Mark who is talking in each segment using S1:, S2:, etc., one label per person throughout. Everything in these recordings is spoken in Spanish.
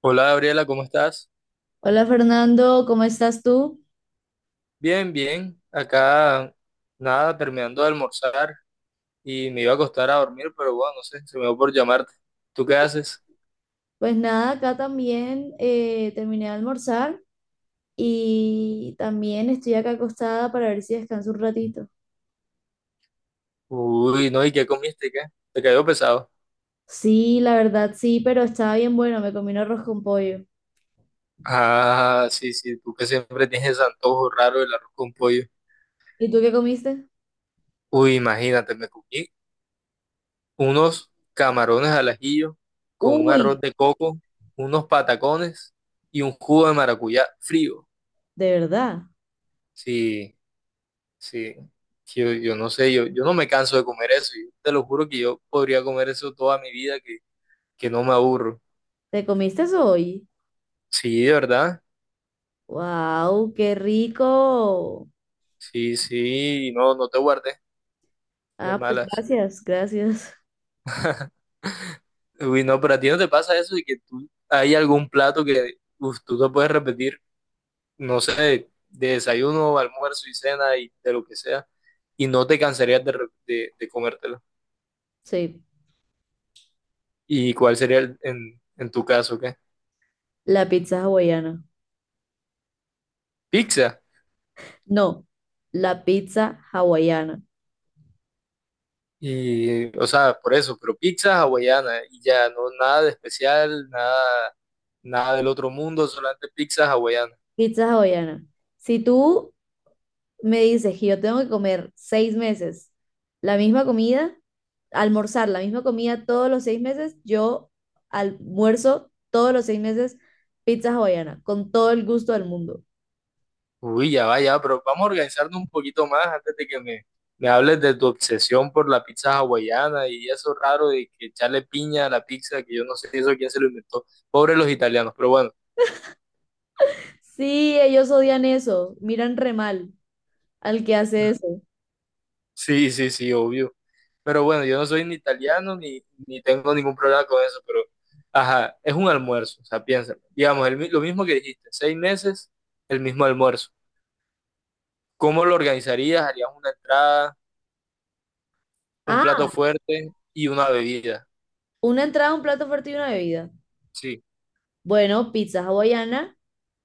S1: Hola Gabriela, ¿cómo estás?
S2: Hola Fernando, ¿cómo estás tú?
S1: Bien, bien. Acá nada, terminando de almorzar y me iba a acostar a dormir, pero bueno, no sé, se me dio por llamarte. ¿Tú qué haces?
S2: Pues nada, acá también terminé de almorzar y también estoy acá acostada para ver si descanso un ratito.
S1: Uy, no, ¿y qué comiste? ¿Qué? ¿Te cayó pesado?
S2: Sí, la verdad sí, pero estaba bien bueno, me comí un arroz con pollo.
S1: Ah, sí, sí, tú que siempre tienes ese antojo raro del arroz con pollo.
S2: ¿Y tú qué comiste?
S1: Uy, imagínate, me comí unos camarones al ajillo con un arroz
S2: Uy,
S1: de coco, unos patacones y un jugo de maracuyá frío.
S2: de verdad,
S1: Sí. Sí, que yo no sé, yo no me canso de comer eso. Yo te lo juro que yo podría comer eso toda mi vida, que no me aburro.
S2: ¿te comiste eso hoy?
S1: Sí, de verdad.
S2: ¡Wow! ¡Qué rico!
S1: Sí, sí, no, no te guardes de
S2: Ah, pues
S1: malas.
S2: gracias, gracias.
S1: Uy, no, pero a ti no te pasa eso de que tú, hay algún plato que uf, tú te puedes repetir, no sé, de desayuno, almuerzo y cena y de lo que sea, y no te cansarías de comértelo.
S2: Sí,
S1: ¿Y cuál sería en tu caso, qué?
S2: la pizza hawaiana.
S1: ¿Pizza?
S2: No, la pizza hawaiana.
S1: Y, o sea, por eso, pero pizza hawaiana y ya, no nada de especial, nada, nada del otro mundo, solamente pizza hawaiana.
S2: Pizza hawaiana. Si tú me dices que yo tengo que comer 6 meses la misma comida, almorzar la misma comida todos los 6 meses, yo almuerzo todos los 6 meses pizza hawaiana, con todo el gusto del mundo.
S1: Uy, ya va, ya, pero vamos a organizarnos un poquito más antes de que me hables de tu obsesión por la pizza hawaiana y eso raro de que echarle piña a la pizza, que yo no sé eso quién se lo inventó. Pobres los italianos, pero bueno,
S2: Sí, ellos odian eso, miran re mal al que hace eso.
S1: sí, sí, sí, obvio. Pero bueno, yo no soy ni italiano ni, ni tengo ningún problema con eso, pero ajá, es un almuerzo, o sea, piénsalo. Digamos, lo mismo que dijiste, seis meses, el mismo almuerzo. ¿Cómo lo organizarías? ¿Harías una entrada, un
S2: Ah,
S1: plato fuerte y una bebida?
S2: una entrada, un plato fuerte y una bebida.
S1: Sí.
S2: Bueno, pizza hawaiana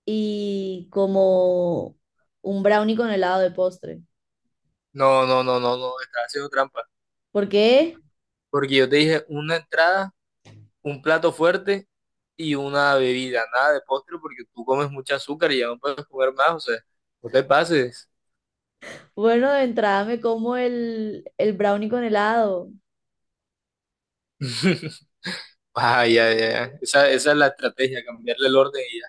S2: y como un brownie con helado de postre.
S1: No, no, no, no, no, estás haciendo trampa.
S2: ¿Por qué?
S1: Porque yo te dije una entrada, un plato fuerte y una bebida, nada de postre porque tú comes mucho azúcar y ya no puedes comer más, o sea, no te pases.
S2: Bueno, de entrada me como el brownie con helado.
S1: Ah, ya, ya, ya. Esa es la estrategia, cambiarle el orden y ya.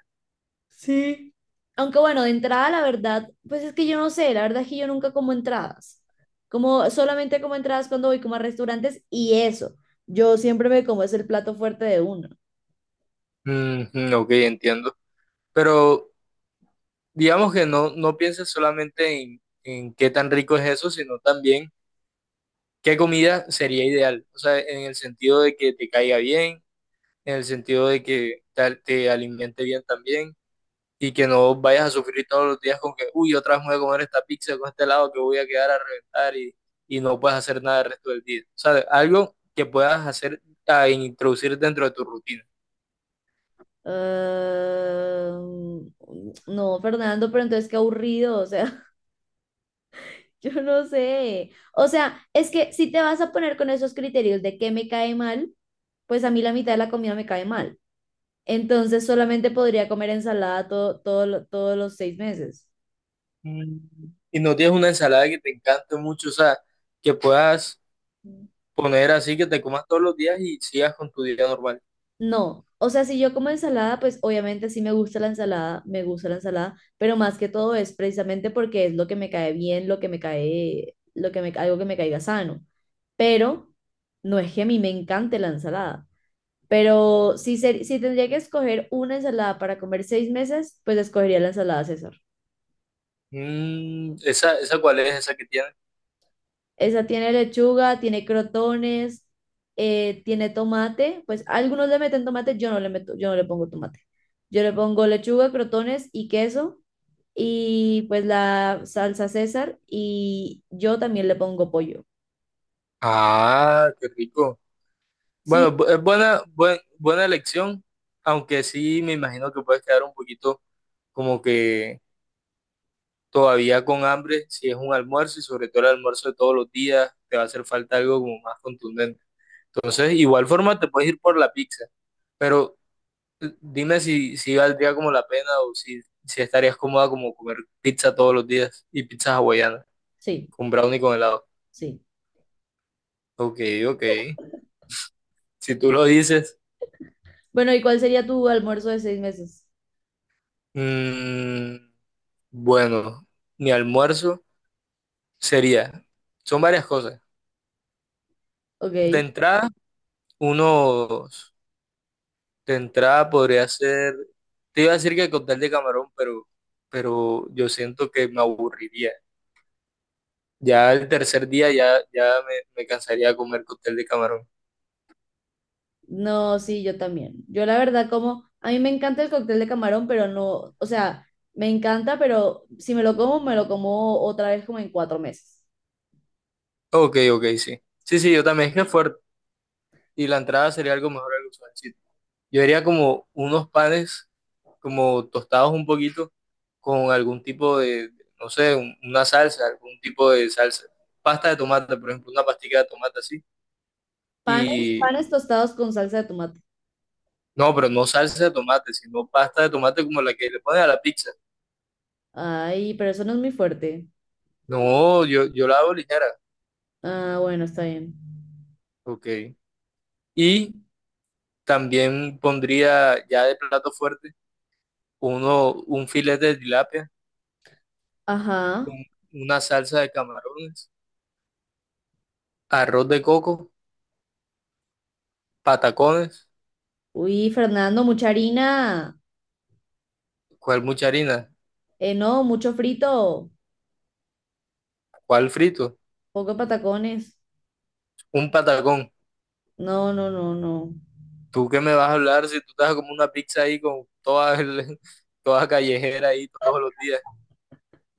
S2: Sí. Aunque bueno, de entrada, la verdad, pues es que yo no sé, la verdad es que yo nunca como entradas. Como solamente como entradas cuando voy como a restaurantes y eso. Yo siempre me como es el plato fuerte de uno.
S1: Mm, ok, entiendo. Pero digamos que no, no pienses solamente en qué tan rico es eso, sino también qué comida sería ideal. O sea, en el sentido de que te caiga bien, en el sentido de que te alimente bien también. Y que no vayas a sufrir todos los días con que, uy, otra vez me voy a comer esta pizza con este helado que voy a quedar a reventar y no puedes hacer nada el resto del día. O sea, algo que puedas hacer a introducir dentro de tu rutina.
S2: Ah, no, Fernando, pero entonces qué aburrido, o sea, yo no sé. O sea, es que si te vas a poner con esos criterios de qué me cae mal, pues a mí la mitad de la comida me cae mal. Entonces solamente podría comer ensalada todos los 6 meses.
S1: Mm. Y no tienes una ensalada que te encante mucho, o sea, que puedas poner así que te comas todos los días y sigas con tu día normal.
S2: No, o sea, si yo como ensalada, pues obviamente sí me gusta la ensalada, me gusta la ensalada, pero más que todo es precisamente porque es lo que me cae bien, lo que me cae, lo que me, algo que me caiga sano. Pero no es que a mí me encante la ensalada. Pero si tendría que escoger una ensalada para comer 6 meses, pues escogería la ensalada César.
S1: Mm, esa cuál es esa que tienes.
S2: Esa tiene lechuga, tiene crotones, tiene tomate. Pues algunos le meten tomate, yo no le meto, yo no le pongo tomate. Yo le pongo lechuga, crotones y queso. Y pues la salsa César. Y yo también le pongo pollo.
S1: Ah, qué rico.
S2: Sí,
S1: Bueno, es buena, buena elección, aunque sí me imagino que puedes quedar un poquito como que todavía con hambre, si es un almuerzo y sobre todo el almuerzo de todos los días, te va a hacer falta algo como más contundente. Entonces, igual forma te puedes ir por la pizza, pero dime si, si valdría como la pena o si, si estarías cómoda como comer pizza todos los días y pizzas hawaianas
S2: sí,
S1: con brownie con helado.
S2: sí.
S1: Ok, ok. Si tú lo dices,
S2: Bueno, ¿y cuál sería tu almuerzo de 6 meses?
S1: mm, bueno, mi almuerzo sería, son varias cosas. De
S2: Ok.
S1: entrada, unos De entrada podría ser, te iba a decir que cóctel de camarón, pero yo siento que me aburriría. Ya el tercer día ya, ya me cansaría de comer cóctel de camarón.
S2: No, sí, yo también. Yo la verdad como, a mí me encanta el cóctel de camarón, pero no, o sea, me encanta, pero si me lo como, me lo como otra vez como en 4 meses.
S1: Ok, ok, sí. Sí, sí, yo también es que es fuerte. Y la entrada sería algo mejor, algo suavecito. Yo haría como unos panes, como tostados un poquito, con algún tipo de, no sé, una salsa, algún tipo de salsa. Pasta de tomate, por ejemplo, una pastica de tomate
S2: Panes,
S1: así.
S2: panes tostados con salsa de tomate.
S1: No, pero no salsa de tomate, sino pasta de tomate como la que le pones a la pizza.
S2: Ay, pero eso no es muy fuerte.
S1: No, yo la hago ligera.
S2: Ah, bueno, está bien.
S1: Ok. Y también pondría ya de plato fuerte un filete de tilapia
S2: Ajá.
S1: con una salsa de camarones, arroz de coco, patacones,
S2: Uy, Fernando, mucha harina.
S1: ¿cuál mucha harina?
S2: No, mucho frito.
S1: ¿Cuál frito?
S2: Poco patacones.
S1: Un patacón.
S2: No, no, no, no.
S1: ¿Tú qué me vas a hablar si tú estás como una pizza ahí con toda, toda callejera ahí todos los días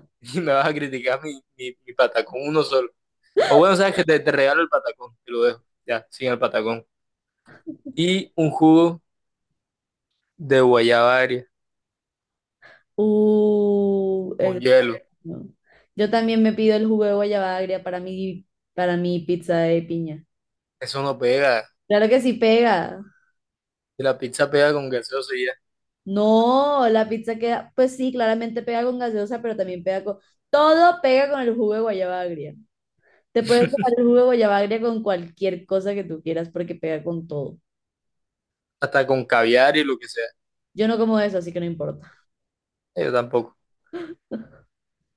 S1: y me vas a criticar mi patacón uno solo? O bueno, sabes que te regalo el patacón, te lo dejo, ya, sin el patacón. Y un jugo de guayaba agria
S2: Uh,
S1: con
S2: eh,
S1: hielo.
S2: no. Yo también me pido el jugo de guayaba agria para mi pizza de piña.
S1: Eso no pega.
S2: Claro que sí pega.
S1: Si la pizza pega con gaseosa y ya,
S2: No, la pizza queda, pues sí, claramente pega con gaseosa, pero también pega con... Todo pega con el jugo de guayaba agria. Te puedes tomar el jugo de guayabagria con cualquier cosa que tú quieras porque pega con todo.
S1: hasta con caviar y lo que sea.
S2: Yo no como eso, así que no importa.
S1: Yo tampoco.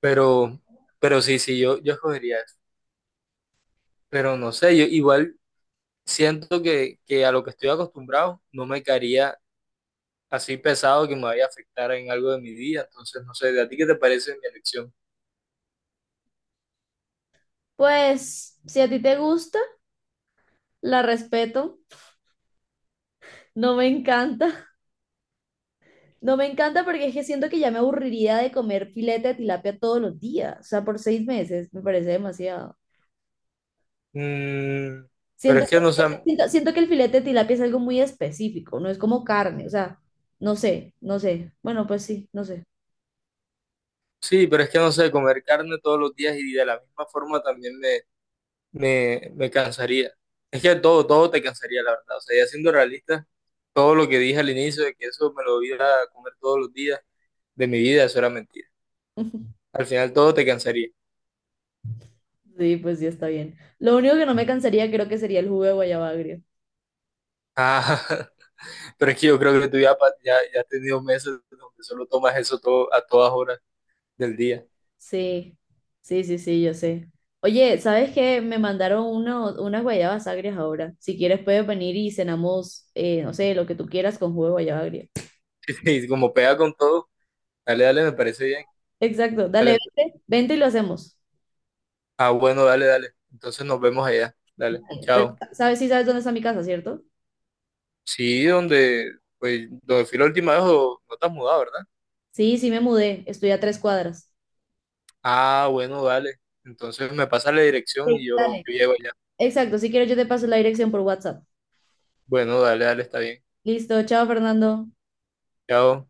S1: Pero, pero sí, sí, yo escogería eso. Pero no sé, yo igual siento que a lo que estoy acostumbrado no me caería así pesado que me vaya a afectar en algo de mi día. Entonces, no sé, ¿de a ti qué te parece mi elección?
S2: Pues, si a ti te gusta, la respeto. No me encanta. No me encanta porque es que siento que ya me aburriría de comer filete de tilapia todos los días. O sea, por 6 meses me parece demasiado.
S1: Mm, pero
S2: Siento,
S1: es que no sé,
S2: siento que el filete de tilapia es algo muy específico, no es como carne. O sea, no sé, no sé. Bueno, pues sí, no sé.
S1: sí, pero es que no sé, comer carne todos los días y de la misma forma también me cansaría. Es que todo, todo te cansaría, la verdad. O sea, ya siendo realista, todo lo que dije al inicio de que eso me lo iba a comer todos los días de mi vida, eso era mentira. Al final todo te cansaría.
S2: Sí, pues sí, está bien. Lo único que no me cansaría creo que sería el jugo de guayabagria.
S1: Ah, pero es que yo creo que tú ya, ya has tenido meses donde solo tomas eso todo, a todas horas del día.
S2: Sí, sí, sí, sí, yo sé. Oye, ¿sabes qué? Me mandaron unas guayabas agrias ahora. Si quieres puedes venir y cenamos, no sé, lo que tú quieras con jugo de guayaba agria.
S1: Y como pega con todo, dale, dale, me parece bien.
S2: Exacto, dale,
S1: Dale.
S2: vente, vente y lo hacemos.
S1: Ah, bueno, dale, dale. Entonces nos vemos allá. Dale,
S2: Dale. Pero,
S1: chao.
S2: ¿sabes? Sí sabes dónde está mi casa, ¿cierto?
S1: Sí, donde, pues, donde fui la última vez, o- no te has mudado, ¿verdad?
S2: Sí, sí me mudé, estoy a 3 cuadras.
S1: Ah, bueno, dale. Entonces me pasa la dirección y
S2: Sí. Dale.
S1: yo llego allá.
S2: Exacto, si quieres yo te paso la dirección por WhatsApp.
S1: Bueno, dale, dale, está bien.
S2: Listo, chao Fernando.
S1: Chao.